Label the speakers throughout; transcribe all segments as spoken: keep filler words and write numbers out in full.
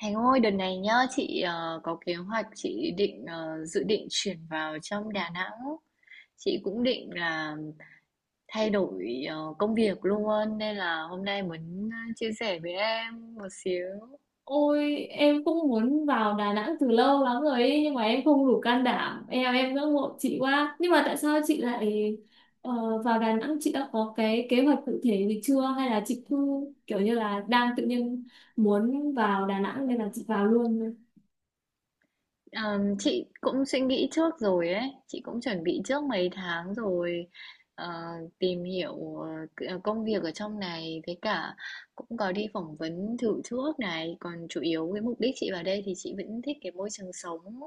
Speaker 1: Thành ơi, đợt này nhá, chị ờ, có kế hoạch chị định ờ, dự định chuyển vào trong Đà Nẵng. Chị cũng định là thay đổi ờ, công việc luôn nên là hôm nay muốn ờ, chia sẻ với em một xíu.
Speaker 2: Ôi, em cũng muốn vào Đà Nẵng từ lâu lắm rồi ấy, nhưng mà em không đủ can đảm. Em em ngưỡng mộ chị quá, nhưng mà tại sao chị lại ờ, vào Đà Nẵng? Chị đã có cái kế hoạch cụ thể gì chưa hay là chị cứ kiểu như là đang tự nhiên muốn vào Đà Nẵng nên là chị vào luôn?
Speaker 1: Ờm, chị cũng suy nghĩ trước rồi ấy, chị cũng chuẩn bị trước mấy tháng rồi, ờ, tìm hiểu, ờ, c- ờ, công việc ở trong này với cả cũng có đi phỏng vấn thử trước này, còn chủ yếu cái mục đích chị vào đây thì chị vẫn thích cái môi trường sống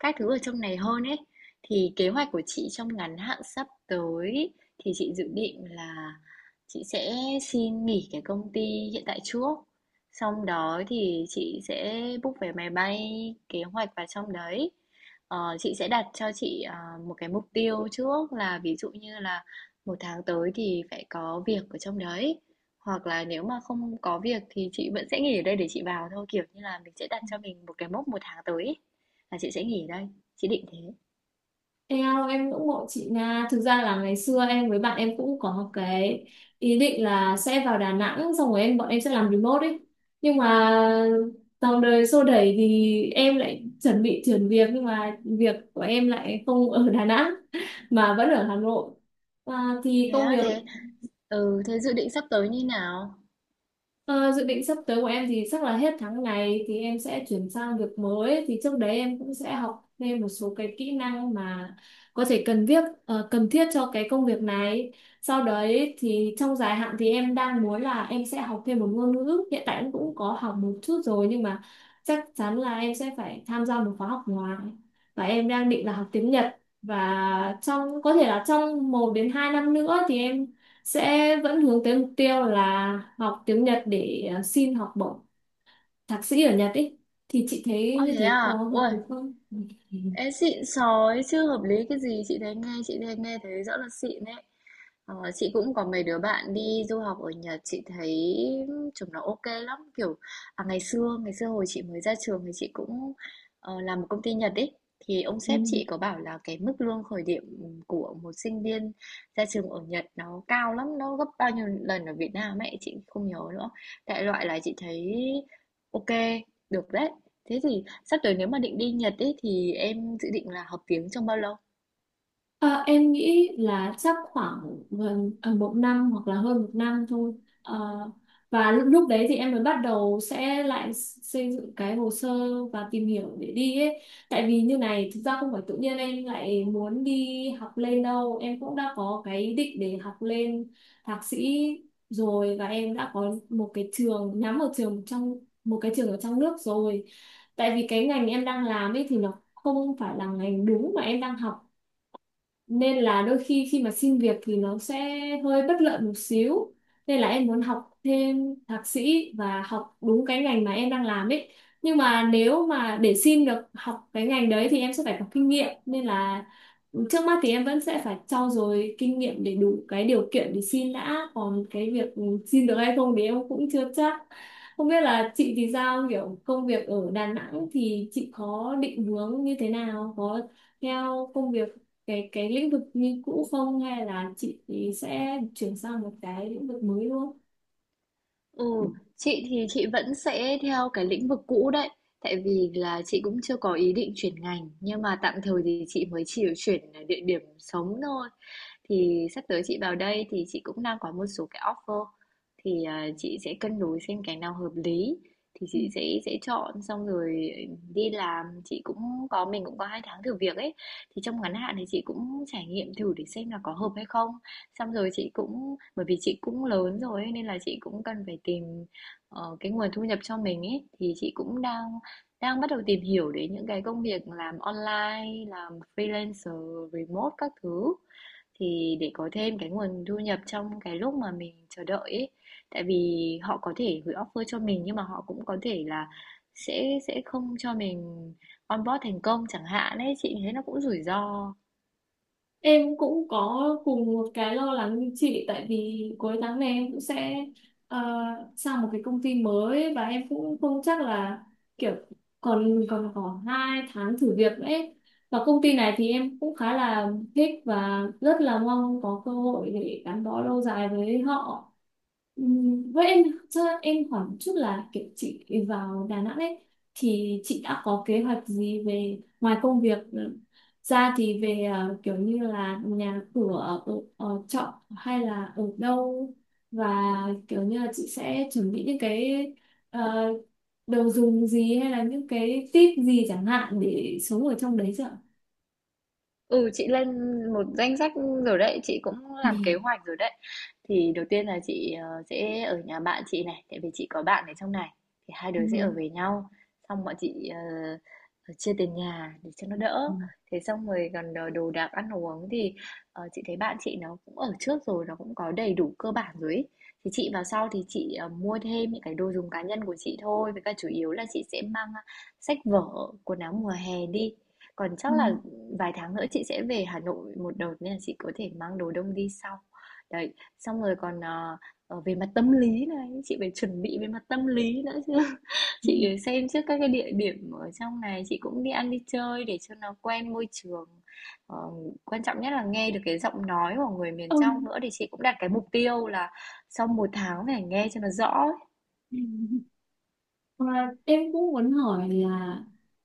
Speaker 1: các thứ ở trong này hơn ấy. Thì kế hoạch của chị trong ngắn hạn sắp tới thì chị dự định là chị sẽ xin nghỉ cái công ty hiện tại trước. Xong đó thì chị sẽ book vé máy bay, kế hoạch vào trong đấy. Ờ, chị sẽ đặt cho chị à, một cái mục tiêu trước, là ví dụ như là một tháng tới thì phải có việc ở trong đấy, hoặc là nếu mà không có việc thì chị vẫn sẽ nghỉ ở đây để chị vào thôi, kiểu như là mình sẽ đặt cho mình một cái mốc một tháng tới ấy, là chị sẽ nghỉ ở đây, chị định thế.
Speaker 2: Em em ngưỡng mộ chị Nga. Thực ra là ngày xưa em với bạn em cũng có cái ý định là sẽ vào Đà Nẵng, xong rồi em bọn em sẽ làm remote ấy. Nhưng mà dòng đời xô đẩy thì em lại chuẩn bị chuyển việc, nhưng mà việc của em lại không ở Đà Nẵng mà vẫn ở Hà Nội, à, thì
Speaker 1: Thế
Speaker 2: công
Speaker 1: á?
Speaker 2: việc.
Speaker 1: Thế ừ, thế dự định sắp tới như nào?
Speaker 2: Ờ, dự định sắp tới của em thì chắc là hết tháng này thì em sẽ chuyển sang việc mới, thì trước đấy em cũng sẽ học thêm một số cái kỹ năng mà có thể cần thiết, ờ, cần thiết cho cái công việc này. Sau đấy thì trong dài hạn thì em đang muốn là em sẽ học thêm một ngôn ngữ, hiện tại em cũng có học một chút rồi nhưng mà chắc chắn là em sẽ phải tham gia một khóa học ngoài. Và em đang định là học tiếng Nhật, và trong có thể là trong một đến hai năm nữa thì em sẽ vẫn hướng tới mục tiêu là học tiếng Nhật để ờ, xin học bổng thạc sĩ ở Nhật ý. Thì chị thấy
Speaker 1: Ồ
Speaker 2: như
Speaker 1: thế
Speaker 2: thế có
Speaker 1: à,
Speaker 2: hợp
Speaker 1: ui,
Speaker 2: lý không?
Speaker 1: ê xịn sói chưa, hợp lý cái gì, chị thấy nghe, chị thấy nghe thấy rõ là xịn đấy. Ờ, chị cũng có mấy đứa bạn đi du học ở Nhật, chị thấy chúng nó ok lắm, kiểu à, ngày xưa ngày xưa hồi chị mới ra trường thì chị cũng ờ, làm một công ty Nhật ấy, thì ông
Speaker 2: Ừ.
Speaker 1: sếp chị có bảo là cái mức lương khởi điểm của một sinh viên ra trường ở Nhật nó cao lắm, nó gấp bao nhiêu lần ở Việt Nam ấy chị không nhớ nữa, đại loại là chị thấy ok, được đấy. Thế thì sắp tới nếu mà định đi Nhật ấy, thì em dự định là học tiếng trong bao lâu?
Speaker 2: Ờ, em nghĩ là chắc khoảng gần ờ, một năm hoặc là hơn một năm thôi. Ờ, và lúc, lúc đấy thì em mới bắt đầu sẽ lại xây dựng cái hồ sơ và tìm hiểu để đi ấy. Tại vì như này, thực ra không phải tự nhiên em lại muốn đi học lên đâu. Em cũng đã có cái ý định để học lên thạc sĩ rồi, và em đã có một cái trường nhắm, một trường trong, một cái trường ở trong nước rồi. Tại vì cái ngành em đang làm ấy thì nó không phải là ngành đúng mà em đang học, nên là đôi khi khi mà xin việc thì nó sẽ hơi bất lợi một xíu, nên là em muốn học thêm thạc sĩ và học đúng cái ngành mà em đang làm ấy. Nhưng mà nếu mà để xin được học cái ngành đấy thì em sẽ phải có kinh nghiệm, nên là trước mắt thì em vẫn sẽ phải trau dồi kinh nghiệm để đủ cái điều kiện để xin đã, còn cái việc xin được hay không thì em cũng chưa chắc. Không biết là chị thì sao, kiểu công việc ở Đà Nẵng thì chị có định hướng như thế nào, có theo công việc cái cái lĩnh vực như cũ không hay là chị sẽ chuyển sang một cái lĩnh vực mới luôn?
Speaker 1: Ừ, chị thì chị vẫn sẽ theo cái lĩnh vực cũ đấy, tại vì là chị cũng chưa có ý định chuyển ngành, nhưng mà tạm thời thì chị mới chỉ chuyển địa điểm sống thôi. Thì sắp tới chị vào đây thì chị cũng đang có một số cái offer, thì à, chị sẽ cân đối xem cái nào hợp lý, thì chị sẽ sẽ chọn xong rồi đi làm. Chị cũng có, mình cũng có hai tháng thử việc ấy, thì trong ngắn hạn thì chị cũng trải nghiệm thử để xem là có hợp hay không. Xong rồi chị cũng, bởi vì chị cũng lớn rồi ấy, nên là chị cũng cần phải tìm, ờ, cái nguồn thu nhập cho mình ấy, thì chị cũng đang đang bắt đầu tìm hiểu đến những cái công việc làm online, làm freelancer, remote các thứ, thì để có thêm cái nguồn thu nhập trong cái lúc mà mình chờ đợi ấy. Tại vì họ có thể gửi offer cho mình nhưng mà họ cũng có thể là sẽ sẽ không cho mình onboard thành công chẳng hạn ấy, chị thấy nó cũng rủi ro.
Speaker 2: Em cũng có cùng một cái lo lắng như chị, tại vì cuối tháng này em cũng sẽ ờ, sang một cái công ty mới và em cũng không chắc là kiểu còn còn có hai tháng thử việc nữa ấy. Và công ty này thì em cũng khá là thích và rất là mong có cơ hội để gắn bó lâu dài với họ. Ừm, Với em, cho em hỏi một chút là kiểu chị vào Đà Nẵng ấy, thì chị đã có kế hoạch gì về ngoài công việc ra thì về ờ, kiểu như là nhà cửa, ở, ở trọ hay là ở đâu, và kiểu như là chị sẽ chuẩn bị những cái ờ, đồ dùng gì hay là những cái tip gì chẳng hạn để sống ở trong đấy chứ ạ?
Speaker 1: Ừ, chị lên một danh sách rồi đấy, chị cũng
Speaker 2: Ừ.
Speaker 1: làm kế hoạch rồi đấy. Thì đầu tiên là chị ờ, sẽ ở nhà bạn chị này, tại vì chị có bạn ở trong này. Thì hai đứa sẽ ở
Speaker 2: Ừ.
Speaker 1: với nhau, xong bọn chị ờ, ờ, chia tiền nhà để cho nó
Speaker 2: Ừ.
Speaker 1: đỡ. Thế xong rồi còn đồ đồ đạc ăn uống thì, ờ, chị thấy bạn chị nó cũng ở trước rồi, nó cũng có đầy đủ cơ bản rồi ý. Thì chị vào sau thì chị ờ, mua thêm những cái đồ dùng cá nhân của chị thôi, với cả chủ yếu là chị sẽ mang ờ, sách vở, quần áo mùa hè đi, còn
Speaker 2: Ừ.
Speaker 1: chắc là vài tháng nữa chị sẽ về Hà Nội một đợt nên là chị có thể mang đồ đông đi sau. Đấy, xong rồi còn ờ, ờ, về mặt tâm lý này, chị phải chuẩn bị về mặt tâm lý nữa chứ.
Speaker 2: Ừ.
Speaker 1: Chị xem trước các cái địa điểm ở trong này, chị cũng đi ăn đi chơi để cho nó quen môi trường. Ờ, quan trọng nhất là nghe được cái giọng nói của người miền trong
Speaker 2: Ông.
Speaker 1: nữa, thì chị cũng đặt cái mục tiêu là sau một tháng phải nghe cho nó rõ.
Speaker 2: Và em cũng muốn hỏi là,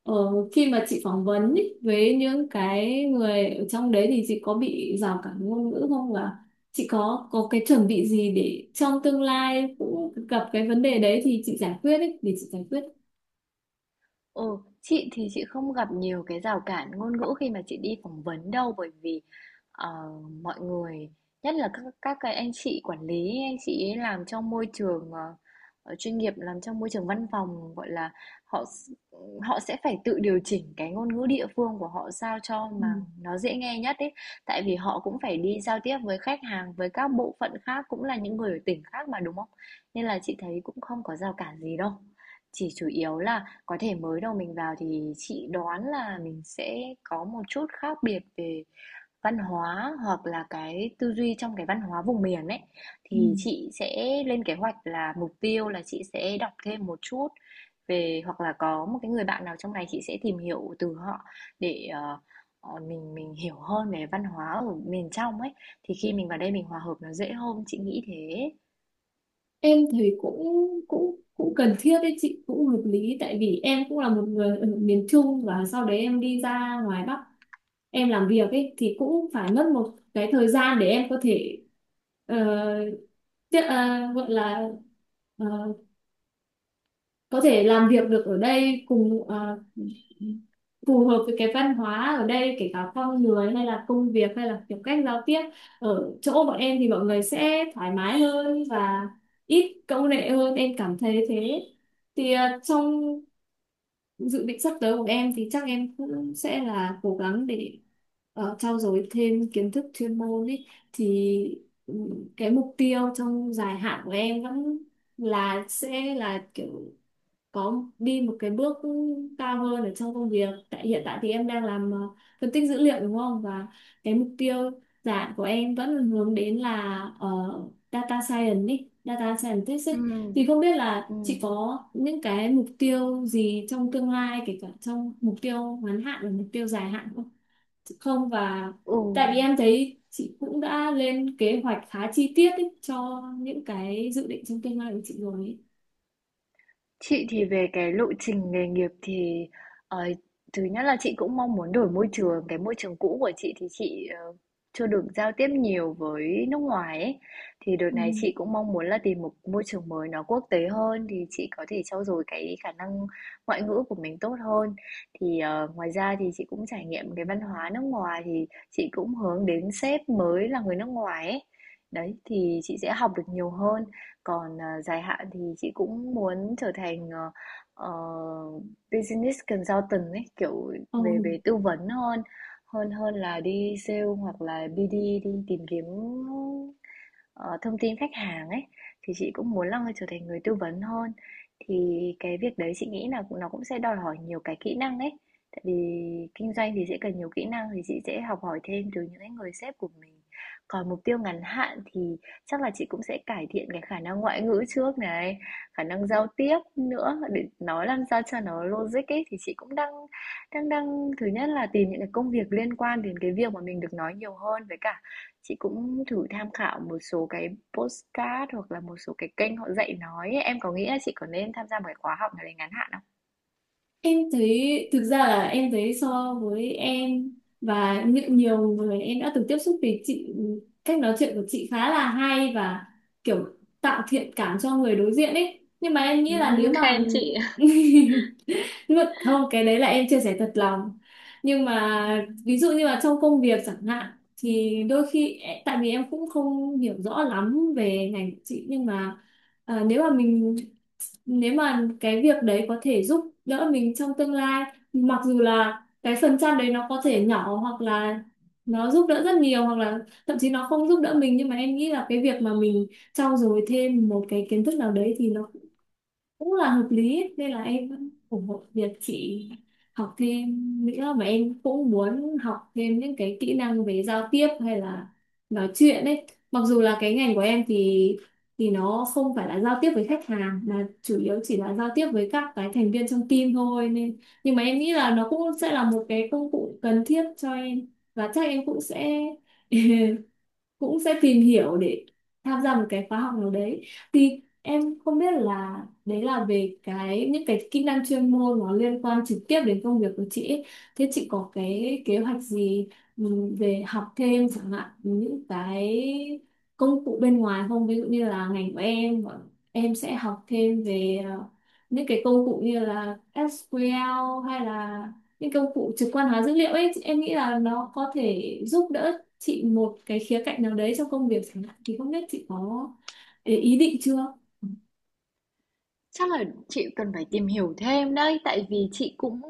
Speaker 2: ờ, khi mà chị phỏng vấn ý, với những cái người ở trong đấy thì chị có bị rào cản ngôn ngữ không, và chị có có cái chuẩn bị gì để trong tương lai cũng gặp cái vấn đề đấy thì chị giải quyết ý, để chị giải quyết.
Speaker 1: Ừ, chị thì chị không gặp nhiều cái rào cản ngôn ngữ khi mà chị đi phỏng vấn đâu, bởi vì, ờ, mọi người nhất là các các cái anh chị quản lý, anh chị ấy làm trong môi trường ờ, ờ, chuyên nghiệp, làm trong môi trường văn phòng gọi là, họ s- họ sẽ phải tự điều chỉnh cái ngôn ngữ địa phương của họ sao cho
Speaker 2: Ừ.
Speaker 1: mà nó dễ nghe nhất ấy, tại vì họ cũng phải đi giao tiếp với khách hàng, với các bộ phận khác cũng là những người ở tỉnh khác mà, đúng không, nên là chị thấy cũng không có rào cản gì đâu, chỉ chủ yếu là có thể mới đầu mình vào thì chị đoán là mình sẽ có một chút khác biệt về văn hóa, hoặc là cái tư duy trong cái văn hóa vùng miền ấy.
Speaker 2: Ừ.
Speaker 1: Thì chị sẽ lên kế hoạch là mục tiêu là chị sẽ đọc thêm một chút về, hoặc là có một cái người bạn nào trong này chị sẽ tìm hiểu từ họ để, ờ, ờ, mình mình hiểu hơn về văn hóa ở miền trong ấy. Thì khi mình vào đây mình hòa hợp nó dễ hơn, chị nghĩ thế.
Speaker 2: Em thấy cũng cũng cũng cần thiết đấy chị, cũng hợp lý, tại vì em cũng là một người ở miền Trung và sau đấy em đi ra ngoài Bắc em làm việc ấy, thì cũng phải mất một cái thời gian để em có thể ờ, tiếp- ờ, gọi là ờ, có thể làm việc được ở đây, cùng ờ, phù hợp với cái văn hóa ở đây, kể cả con người hay là công việc hay là kiểu cách giao tiếp. Ở chỗ bọn em thì mọi người sẽ thoải mái hơn và ít câu nệ hơn, em cảm thấy thế. Thì ờ, trong dự định sắp tới của em thì chắc em cũng sẽ là cố gắng để uh, trau dồi thêm kiến thức chuyên môn ý. Thì ừ, cái mục tiêu trong dài hạn của em vẫn là sẽ là kiểu có đi một cái bước cao hơn ở trong công việc, tại hiện tại thì em đang làm ờ, phân tích dữ liệu đúng không, và cái mục tiêu dạng của em vẫn là hướng đến là ờ, data science ý, data scientist
Speaker 1: Ừ.
Speaker 2: ấy. Thì không biết là
Speaker 1: Ừ.
Speaker 2: chị có những cái mục tiêu gì trong tương lai, kể cả trong mục tiêu ngắn hạn và mục tiêu dài hạn không? Không, và
Speaker 1: Ừ.
Speaker 2: tại vì em thấy chị cũng đã lên kế hoạch khá chi tiết ý, cho những cái dự định trong tương lai của chị rồi ấy.
Speaker 1: Chị thì về cái lộ trình nghề nghiệp thì, ờ, thứ nhất là chị cũng mong muốn đổi môi trường, cái môi trường cũ của chị thì chị, ờ, chưa được giao tiếp nhiều với nước ngoài ấy. Thì đợt
Speaker 2: Ừ.
Speaker 1: này chị cũng mong muốn là tìm một môi trường mới nó quốc tế hơn, thì chị có thể trau dồi cái khả năng ngoại ngữ của mình tốt hơn. Thì, ờ, ngoài ra thì chị cũng trải nghiệm cái văn hóa nước ngoài, thì chị cũng hướng đến sếp mới là người nước ngoài ấy. Đấy, thì chị sẽ học được nhiều hơn. Còn, à, dài hạn thì chị cũng muốn trở thành, ờ, ờ, business consultant ấy, kiểu
Speaker 2: Ừ.
Speaker 1: về về tư vấn hơn hơn hơn là đi sale hoặc là bi đi, đi tìm kiếm, ờ, thông tin khách hàng ấy, thì chị cũng muốn là trở thành người tư vấn hơn. Thì cái việc đấy chị nghĩ là nó cũng sẽ đòi hỏi nhiều cái kỹ năng ấy, tại vì kinh doanh thì sẽ cần nhiều kỹ năng, thì chị sẽ học hỏi thêm từ những cái người sếp của mình. Còn mục tiêu ngắn hạn thì chắc là chị cũng sẽ cải thiện cái khả năng ngoại ngữ trước này, khả năng giao tiếp nữa để nói làm sao cho nó logic ấy, thì chị cũng đang đang đang thứ nhất là tìm những cái công việc liên quan đến cái việc mà mình được nói nhiều hơn, với cả chị cũng thử tham khảo một số cái postcard hoặc là một số cái kênh họ dạy nói ấy. Em có nghĩ là chị có nên tham gia một cái khóa học nào đấy ngắn hạn không?
Speaker 2: Em thấy, thực ra là em thấy so với em và những nhiều người em đã từng tiếp xúc thì chị, cách nói chuyện của chị khá là hay và kiểu tạo thiện cảm cho người đối diện ấy, nhưng mà em
Speaker 1: Ừ,
Speaker 2: nghĩ là nếu mà
Speaker 1: khen chị.
Speaker 2: ngược không, cái đấy là em chia sẻ thật lòng. Nhưng mà ví dụ như là trong công việc chẳng hạn, thì đôi khi, tại vì em cũng không hiểu rõ lắm về ngành của chị nhưng mà, à, nếu mà mình, nếu mà cái việc đấy có thể giúp đỡ mình trong tương lai, mặc dù là cái phần trăm đấy nó có thể nhỏ, hoặc là nó giúp đỡ rất nhiều, hoặc là thậm chí nó không giúp đỡ mình, nhưng mà em nghĩ là cái việc mà mình trau dồi thêm một cái kiến thức nào đấy thì nó cũng là hợp lý ấy. Nên là em vẫn ủng hộ việc chị học thêm nữa, và em cũng muốn học thêm những cái kỹ năng về giao tiếp hay là nói chuyện ấy. Mặc dù là cái ngành của em thì thì nó không phải là giao tiếp với khách hàng mà chủ yếu chỉ là giao tiếp với các cái thành viên trong team thôi, nên nhưng mà em nghĩ là nó cũng sẽ là một cái công cụ cần thiết cho em. Và chắc em cũng sẽ cũng sẽ tìm hiểu để tham gia một cái khóa học nào đấy. Thì em không biết là, đấy là về cái những cái kỹ năng chuyên môn nó liên quan trực tiếp đến công việc của chị ấy. Thế chị có cái kế hoạch gì, ừ, về học thêm chẳng hạn những cái công cụ bên ngoài không? Ví dụ như là ngành của em, bọn em sẽ học thêm về ờ, những cái công cụ như là S Q L hay là những công cụ trực quan hóa dữ liệu ấy, em nghĩ là nó có thể giúp đỡ chị một cái khía cạnh nào đấy trong công việc chẳng hạn, thì không biết chị có ý ý định chưa?
Speaker 1: Chắc là chị cần phải tìm hiểu thêm đấy, tại vì chị cũng,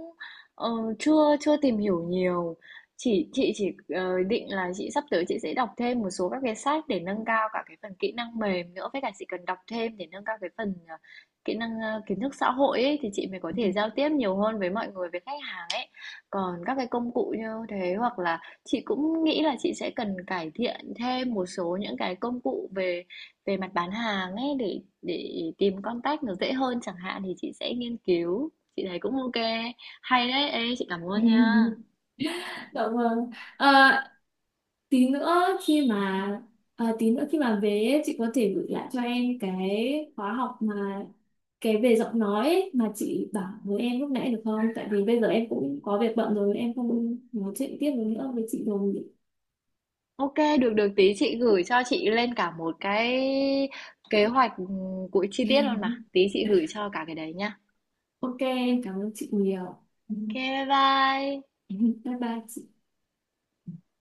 Speaker 1: ờ, chưa chưa tìm hiểu nhiều. Chỉ chị chỉ ờ, định là chị sắp tới chị sẽ đọc thêm một số các cái sách để nâng cao cả cái phần kỹ năng mềm nữa, với cả chị cần đọc thêm để nâng cao cái phần, ờ, kỹ năng, ờ, kiến thức xã hội ấy, thì chị mới có thể giao tiếp nhiều hơn với mọi người, với khách hàng ấy. Còn các cái công cụ như thế, hoặc là chị cũng nghĩ là chị sẽ cần cải thiện thêm một số những cái công cụ về, về mặt bán hàng ấy, để để tìm contact nó dễ hơn chẳng hạn, thì chị sẽ nghiên cứu, chị thấy cũng OK. Hay đấy, ê chị cảm ơn nha.
Speaker 2: Dạ vâng. À, tí nữa khi mà, à, tí nữa khi mà về ấy, chị có thể gửi lại cho em cái khóa học mà, cái về giọng nói ấy, mà chị bảo với em lúc nãy được không? Tại vì bây giờ em cũng có việc bận rồi, em không nói chuyện tiếp được nữa với chị rồi.
Speaker 1: OK, được được tí chị gửi cho chị lên cả một cái kế hoạch, ừ, của chi tiết luôn mà. Tí chị gửi cho cả cái đấy nha.
Speaker 2: Ok, em cảm ơn chị nhiều.
Speaker 1: OK, bye bye.
Speaker 2: Bye bye chị.